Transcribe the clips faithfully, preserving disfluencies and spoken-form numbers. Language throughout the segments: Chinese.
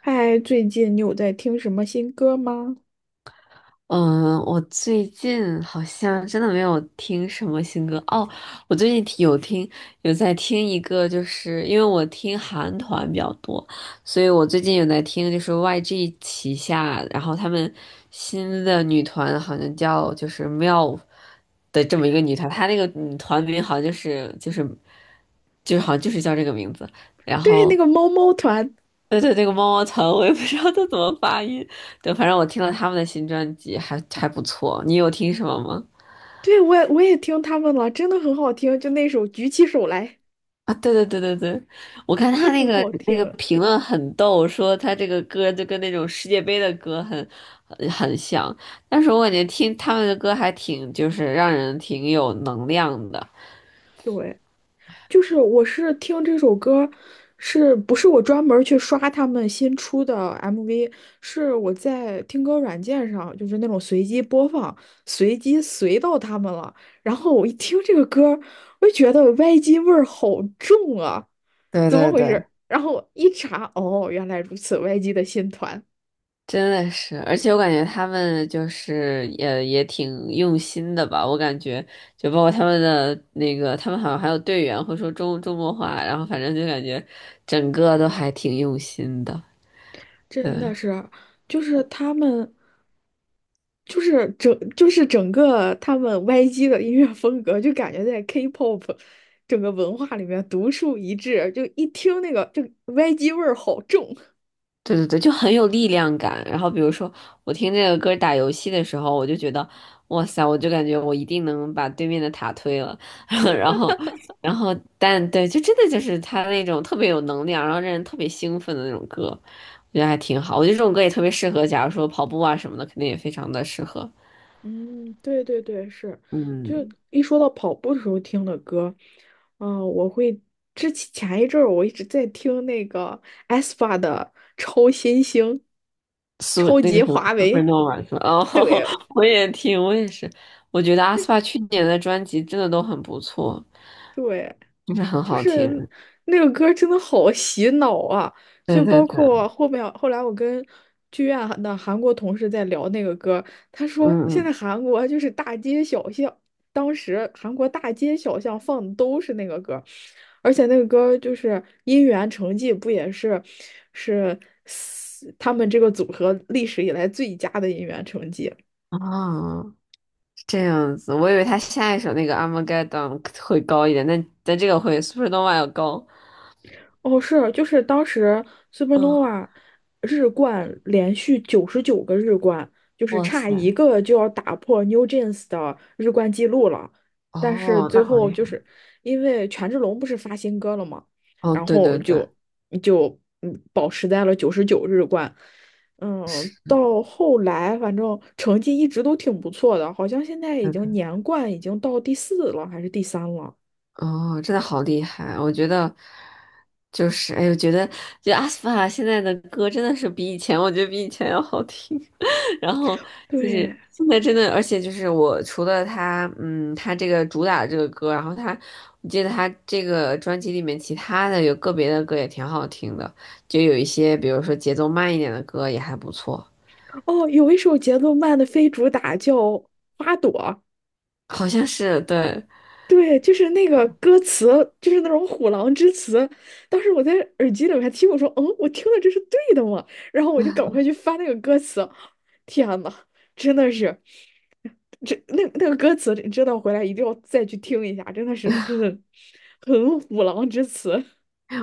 嗨，最近你有在听什么新歌吗？嗯，我最近好像真的没有听什么新歌哦。我最近听有听有在听一个，就是因为我听韩团比较多，所以我最近有在听，就是 Y G 旗下，然后他们新的女团好像叫就是 m i l F 的这么一个女团，她那个女团名好像就是就是就是好像就是叫这个名字，然对，后。那个猫猫团，对对，那个猫猫糖，我也不知道它怎么发音。对，反正我听了他们的新专辑还还不错。你有听什么吗？对，我也我也听他们了，真的很好听，就那首《举起手来》，啊，对对对对对，我看真的他那很个好那个听。评论很逗，说他这个歌就跟那种世界杯的歌很很很像，但是我感觉听他们的歌还挺就是让人挺有能量的。对，就是我是听这首歌，是不是我专门儿去刷他们新出的 M V？是我在听歌软件上，就是那种随机播放，随机随到他们了。然后我一听这个歌儿我就觉得 Y G 味儿好重啊。对怎么对回对，事？然后我一查，哦，原来如此，Y G 的新团真的是，而且我感觉他们就是也也挺用心的吧，我感觉就包括他们的那个，他们好像还有队员会说中中国话，然后反正就感觉整个都还挺用心的，真对。的是，就是他们，就是整，就是整个他们 Y G 的音乐风格，就感觉在 K-pop 整个文化里面独树一帜，就一听那个，就 Y G 味儿好重。对对对，就很有力量感。然后比如说，我听这个歌打游戏的时候，我就觉得，哇塞，我就感觉我一定能把对面的塔推了。然后，然后，但对，就真的就是他那种特别有能量，然后让人特别兴奋的那种歌，我觉得还挺好。我觉得这种歌也特别适合，假如说跑步啊什么的，肯定也非常的适合。嗯，对对对，是，就嗯，一说到跑步的时候听的歌，嗯、我会之前前一阵儿我一直在听那个 aespa 的《超新星》，苏超那个级什么 华为，Supernova 是吧？哦，对，我也听，我也是。我觉得 阿那斯帕去年的专辑真的都很不错，对，就是很好听。那个歌真的好洗脑啊！就对对包对，括后面后来我跟剧院的韩国同事在聊那个歌，他说嗯现在嗯，韩国就是大街小巷，当时韩国大街小巷放的都是那个歌，而且那个歌就是《音源成绩》，不也是是他们这个组合历史以来最佳的音源成绩。哦，是这样子，我以为他下一首那个《Armageddon》会高一点，但但这个会《Supernova》要高。哦，是，就是当时 嗯，Supernova 日冠连续九十九个日冠，就是哇差一塞，个就要打破 New Jeans 的日冠记录了。但是哦，最那好后厉害。就是因为权志龙不是发新歌了嘛，哦，然对后对对，就就嗯保持在了九十九日冠。嗯，是，到后来反正成绩一直都挺不错的，好像现在已那经个。年冠已经到第四了还是第三了。哦，真的好厉害！我觉得就是，哎，我觉得就阿斯帕现在的歌真的是比以前，我觉得比以前要好听。然后就是对。现在真的，而且就是我除了他，嗯，他这个主打的这个歌，然后他，我记得他这个专辑里面其他的有个别的歌也挺好听的，就有一些比如说节奏慢一点的歌也还不错，哦，有一首节奏慢的非主打叫《花朵》，好像是对。对，就是那个歌词，就是那种虎狼之词。当时我在耳机里面还听，我说：“嗯，我听的这是对的吗？”然后我就赶快去翻那个歌词。天呐，真的是，这那那个歌词，你知道回来一定要再去听一下，真的是很很虎狼之词。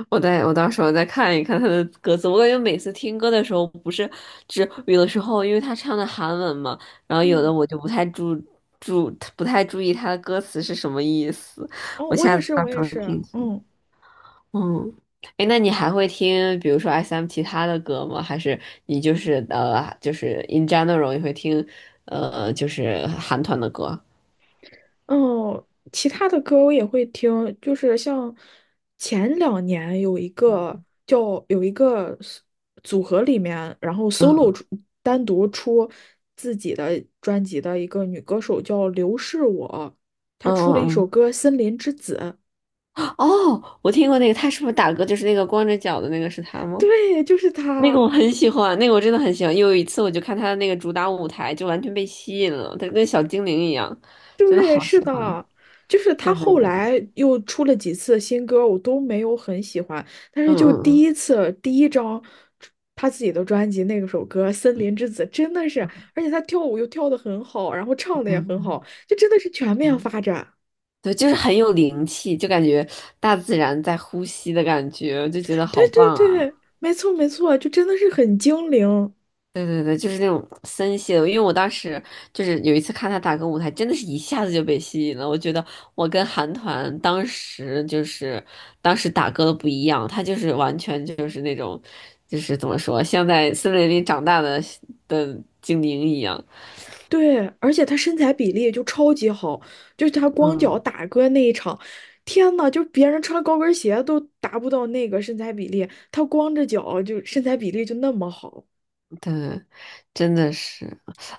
我再我到时候再看一看他的歌词，我感觉每次听歌的时候，不是只有的时候，因为他唱的韩文嘛，然后有的嗯，我就不太注注不太注意他的歌词是什么意思，哦，我我下也次是，到我时也候是，听听。嗯。嗯，哎，那你还会听比如说 S M 其他的歌吗？还是你就是呃就是 in general 也会听呃就是韩团的歌？哦，其他的歌我也会听，就是像前两年有一个嗯，叫有一个 s- 组合里面，然后 solo 嗯出单独出自己的专辑的一个女歌手叫刘是我，她嗯出了一首嗯歌《森林之子》，嗯，哦，我听过那个，他是不是打歌就是那个光着脚的那个是他吗？对，就是那个她。我很喜欢，那个我真的很喜欢。有一次我就看他的那个主打舞台，就完全被吸引了，他跟小精灵一样，真的对，好喜是欢。的，就是他对对后对，来又出了几次新歌，我都没有很喜欢，但是嗯就第嗯一次第一张他自己的专辑那个首歌《森林之子》，真的是，而且他跳舞又跳得很好，然后唱嗯的也很嗯好，就真的是全面嗯，发展。对，就是很有灵气，就感觉大自然在呼吸的感觉，我就觉得对好对棒。啊。对，没错没错，就真的是很精灵。对对对，就是那种森系的，因为我当时就是有一次看他打歌舞台，真的是一下子就被吸引了。我觉得我跟韩团当时就是当时打歌的不一样，他就是完全就是那种，就是怎么说，像在森林里长大的的精灵一样。对，而且他身材比例就超级好，就是他光脚嗯，打歌那一场，天呐，就是别人穿高跟鞋都达不到那个身材比例，他光着脚就身材比例就那么好。对，真的是，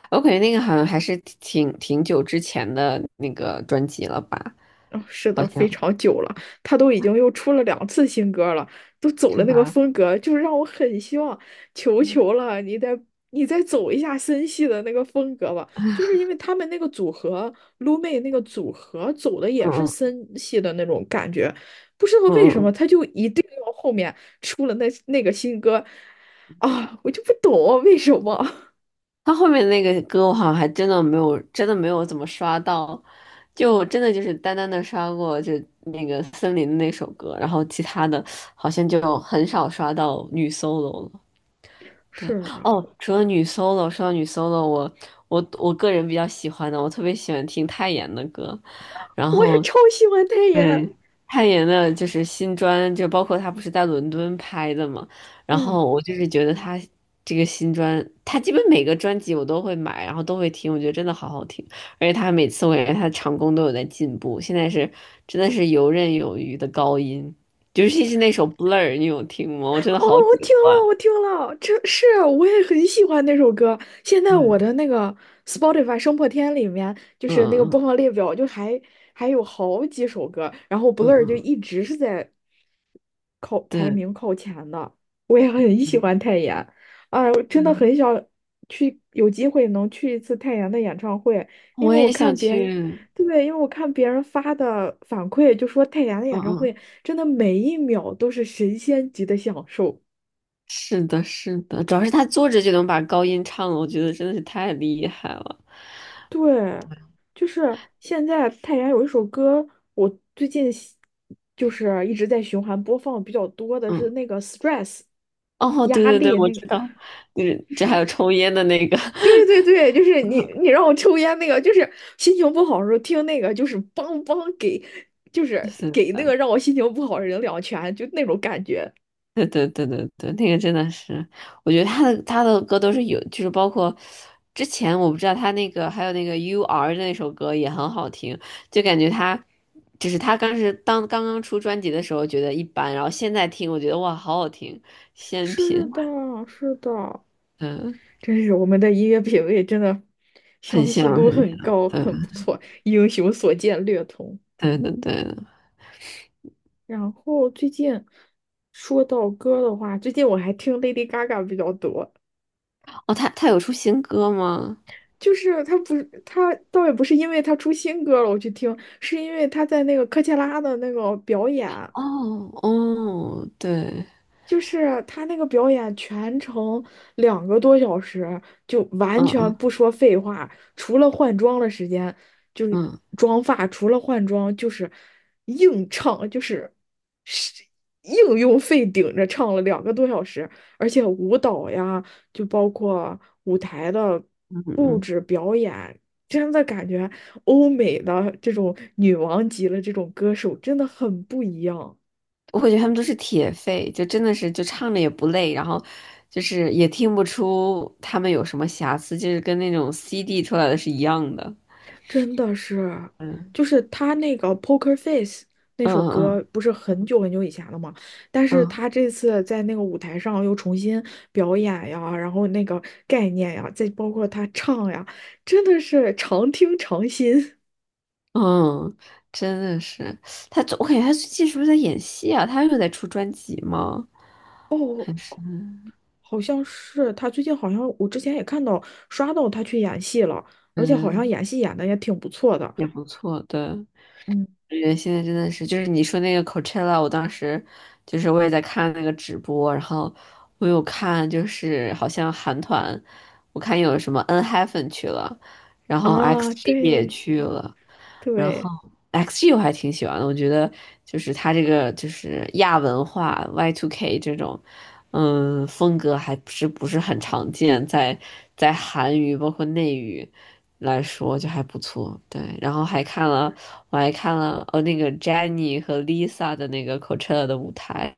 我感觉那个好像还是挺挺久之前的那个专辑了吧，嗯，是好的，非像常久了，他都已经又出了两次新歌了，都走是了那个吧？风格，就是让我很希望，求嗯求了，你再你再走一下森系的那个风格吧，就是因为他们那个组合撸妹那个组合走的也是嗯森系的那种感觉，不知道嗯为嗯什么嗯。他就一定要后面出了那那个新歌，啊，我就不懂啊为什么。他后面那个歌我好像还真的没有，真的没有怎么刷到，就真的就是单单的刷过就那个森林的那首歌，然后其他的好像就很少刷到女 solo 了。对，是的，哦，除了女 solo,说到女 solo,我我我个人比较喜欢的，我特别喜欢听泰妍的歌，然我也后超喜欢泰妍，对，泰妍的就是新专，就包括他不是在伦敦拍的嘛，然嗯。后我就是觉得他这个新专，他基本每个专辑我都会买，然后都会听，我觉得真的好好听，而且他每次我感觉她的唱功都有在进步，现在是真的是游刃有余的高音，尤其是那首《Blur》,你有听吗？我真的哦，好我喜听了，欢。我听了，这是我也很喜欢那首歌。现在我嗯的那个 Spotify 生破天里面，就嗯是那个播嗯放列表，就还还有好几首歌，然后 嗯 Blur 就嗯，一直是在靠排对，名靠前的。我也很喜嗯欢泰妍，啊，我真的嗯，很想去，有机会能去一次泰妍的演唱会，因我为我也想看别人，去，对，因为我看别人发的反馈，就说泰妍的嗯演唱会嗯。真的每一秒都是神仙级的享受。是的，是的，主要是他坐着就能把高音唱了，我觉得真的是太厉害了。对，就是现在太原有一首歌，我最近喜就是一直在循环播放比较多的是嗯，那个 stress 哦，对压对对，力我那个，知道，就是就这还是有抽烟的那个，对对对，就是 你嗯你让我抽烟那个，就是心情不好的时候听那个，就是梆梆给，就是是给那的，个让我心情不好的人两拳，就那种感觉。对对对对对，那个真的是，我觉得他的他的歌都是有，就是包括之前我不知道他那个还有那个 U R 的那首歌也很好听，就感觉他就是他当时当刚刚出专辑的时候觉得一般，然后现在听我觉得哇好好听，仙品，是的，是的，嗯，真是我们的音乐品味真的很相似像度很很像。高，对。很不错，英雄所见略同。对对对，然后最近说到歌的话，最近我还听 Lady Gaga 比较多。哦，他他有出新歌吗？就是她不是她倒也不是因为她出新歌了我去听，是因为她在那个科切拉的那个表演。哦哦，对，就是他那个表演全程两个多小时，就完嗯全嗯不说废话，除了换装的时间，就是嗯妆发，除了换装就是硬唱，就是是硬用肺顶着唱了两个多小时，而且舞蹈呀，就包括舞台的嗯布嗯，置表演，真的感觉欧美的这种女王级的这种歌手真的很不一样。我感觉他们都是铁肺，就真的是就唱着也不累，然后就是也听不出他们有什么瑕疵，就是跟那种 C D 出来的是一样的。真的是，嗯就是他那个《Poker Face》那嗯首嗯歌，不是很久很久以前了吗？但是嗯他这次在那个舞台上又重新表演呀，然后那个概念呀，再包括他唱呀，真的是常听常新。嗯，真的是他，我感觉他最近是不是在演戏啊？他又在出专辑吗？还是好像是他最近好像我之前也看到刷到他去演戏了，而对且对好对，像演戏演的也挺不错的。也不错，对。嗯，感觉现在真的是，就是你说那个 Coachella,我当时就是我也在看那个直播，然后我有看，就是好像韩团，我看有什么 n h y p e n 去了，然后 啊，X G 也对去了，然后 对，X G 我还挺喜欢的，我觉得就是他这个就是亚文化 Y two K 这种，嗯，风格还是不是很常见，在在韩语包括内语来说就还不错。对，然后还看了，我还看了呃那个 Jennie 和 Lisa 的那个 Coachella 的舞台，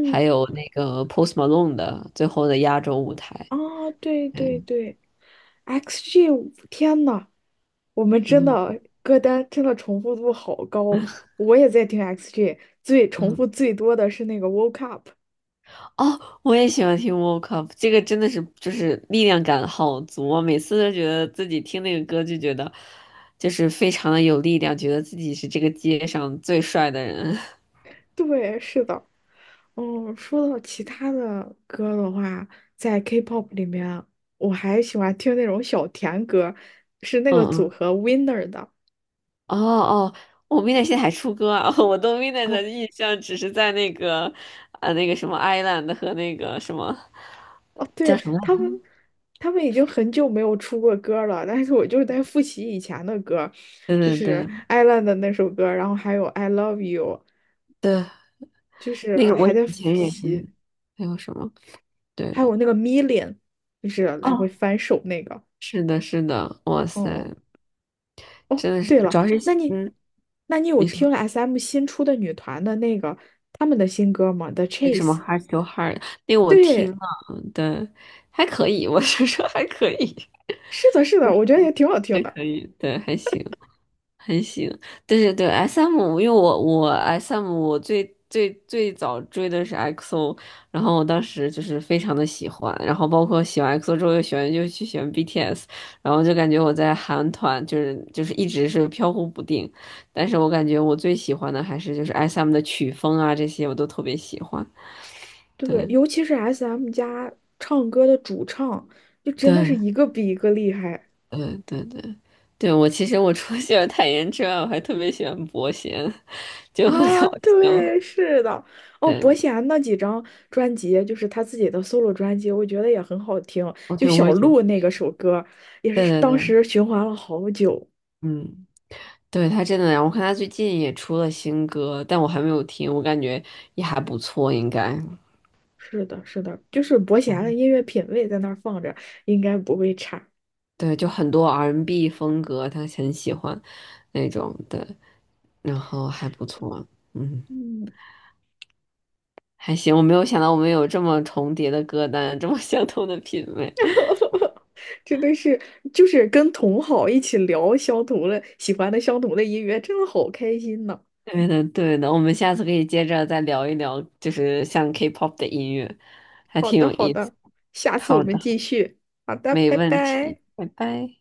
还有那个 Post Malone 的最后的压轴舞台。啊，对对对，对，X G，天呐，我们真嗯的歌单真的重复度好高，我也在听 X G，最重嗯。复最多的是那个 Woke Up。哦，我也喜欢听 Woke Up,这个真的是就是力量感好足啊！每次都觉得自己听那个歌就觉得，就是非常的有力量，觉得自己是这个街上最帅的人。对，是的。嗯，说到其他的歌的话，在 K-pop 里面，我还喜欢听那种小甜歌，是那嗯个组嗯，合 Winner 的。哦哦，我 m i d n i g 现在还出歌啊！我对 m i d n i g 哦的印象只是在那个呃那个什么 Island 和那个什么哦，叫对，什么来他着？们，他们已经很久没有出过歌了，但是我就是在复习以前的歌，对就对是对《Island》的那首歌，然后还有《I Love You》，对，就是那个我还以在复前也习，是，还有什么？还有对，那个《Million》，就是来回哦，翻手那个。是的，是的，哇哦，塞！真的是，对了，主要是那你，嗯，那你有你说听 S M 新出的女团的那个他们的新歌吗？The 为什么 Chase。hard to hard?那个我听对，了，对，还可以，我是说还可以，是的，是的，我觉得也挺好听还的。可以，对，还行。很行，对对对，S M,因为我我 S M 我最最最早追的是 x o 然后我当时就是非常的喜欢，然后包括喜欢 x o 之后又喜欢又去喜欢 B T S,然后就感觉我在韩团就是就是一直是飘忽不定，但是我感觉我最喜欢的还是就是 S M 的曲风啊这些我都特别喜欢，对，对尤其是 S M 家唱歌的主唱，就真的是对一个比一个厉害对对对，对我其实我除了喜欢泰妍之外，我还特别喜欢伯贤，就很搞啊！笑。对，是的，哦，对，伯贤那几张专辑，就是他自己的 solo 专辑，我觉得也很好听。我就对我小也觉得。鹿那个首歌，也对是对当对，时循环了好久。嗯，对，他真的，我看他最近也出了新歌，但我还没有听，我感觉也还不错，应该。是的，是的，就是伯贤的音乐品味在那儿放着，应该不会差。对，就很多 R and B n 风格，他很喜欢那种的，然后还不错，嗯，嗯，还行。我没有想到我们有这么重叠的歌单，这么相同的品味。真的是，就是跟同好一起聊相同的、喜欢的相同的音乐，真的好开心呐！对的，对的，我们下次可以接着再聊一聊，就是像 K-pop 的音乐，还好挺的，有好意思。的，下次我好的，们继续。好的，没拜问题，拜。拜拜。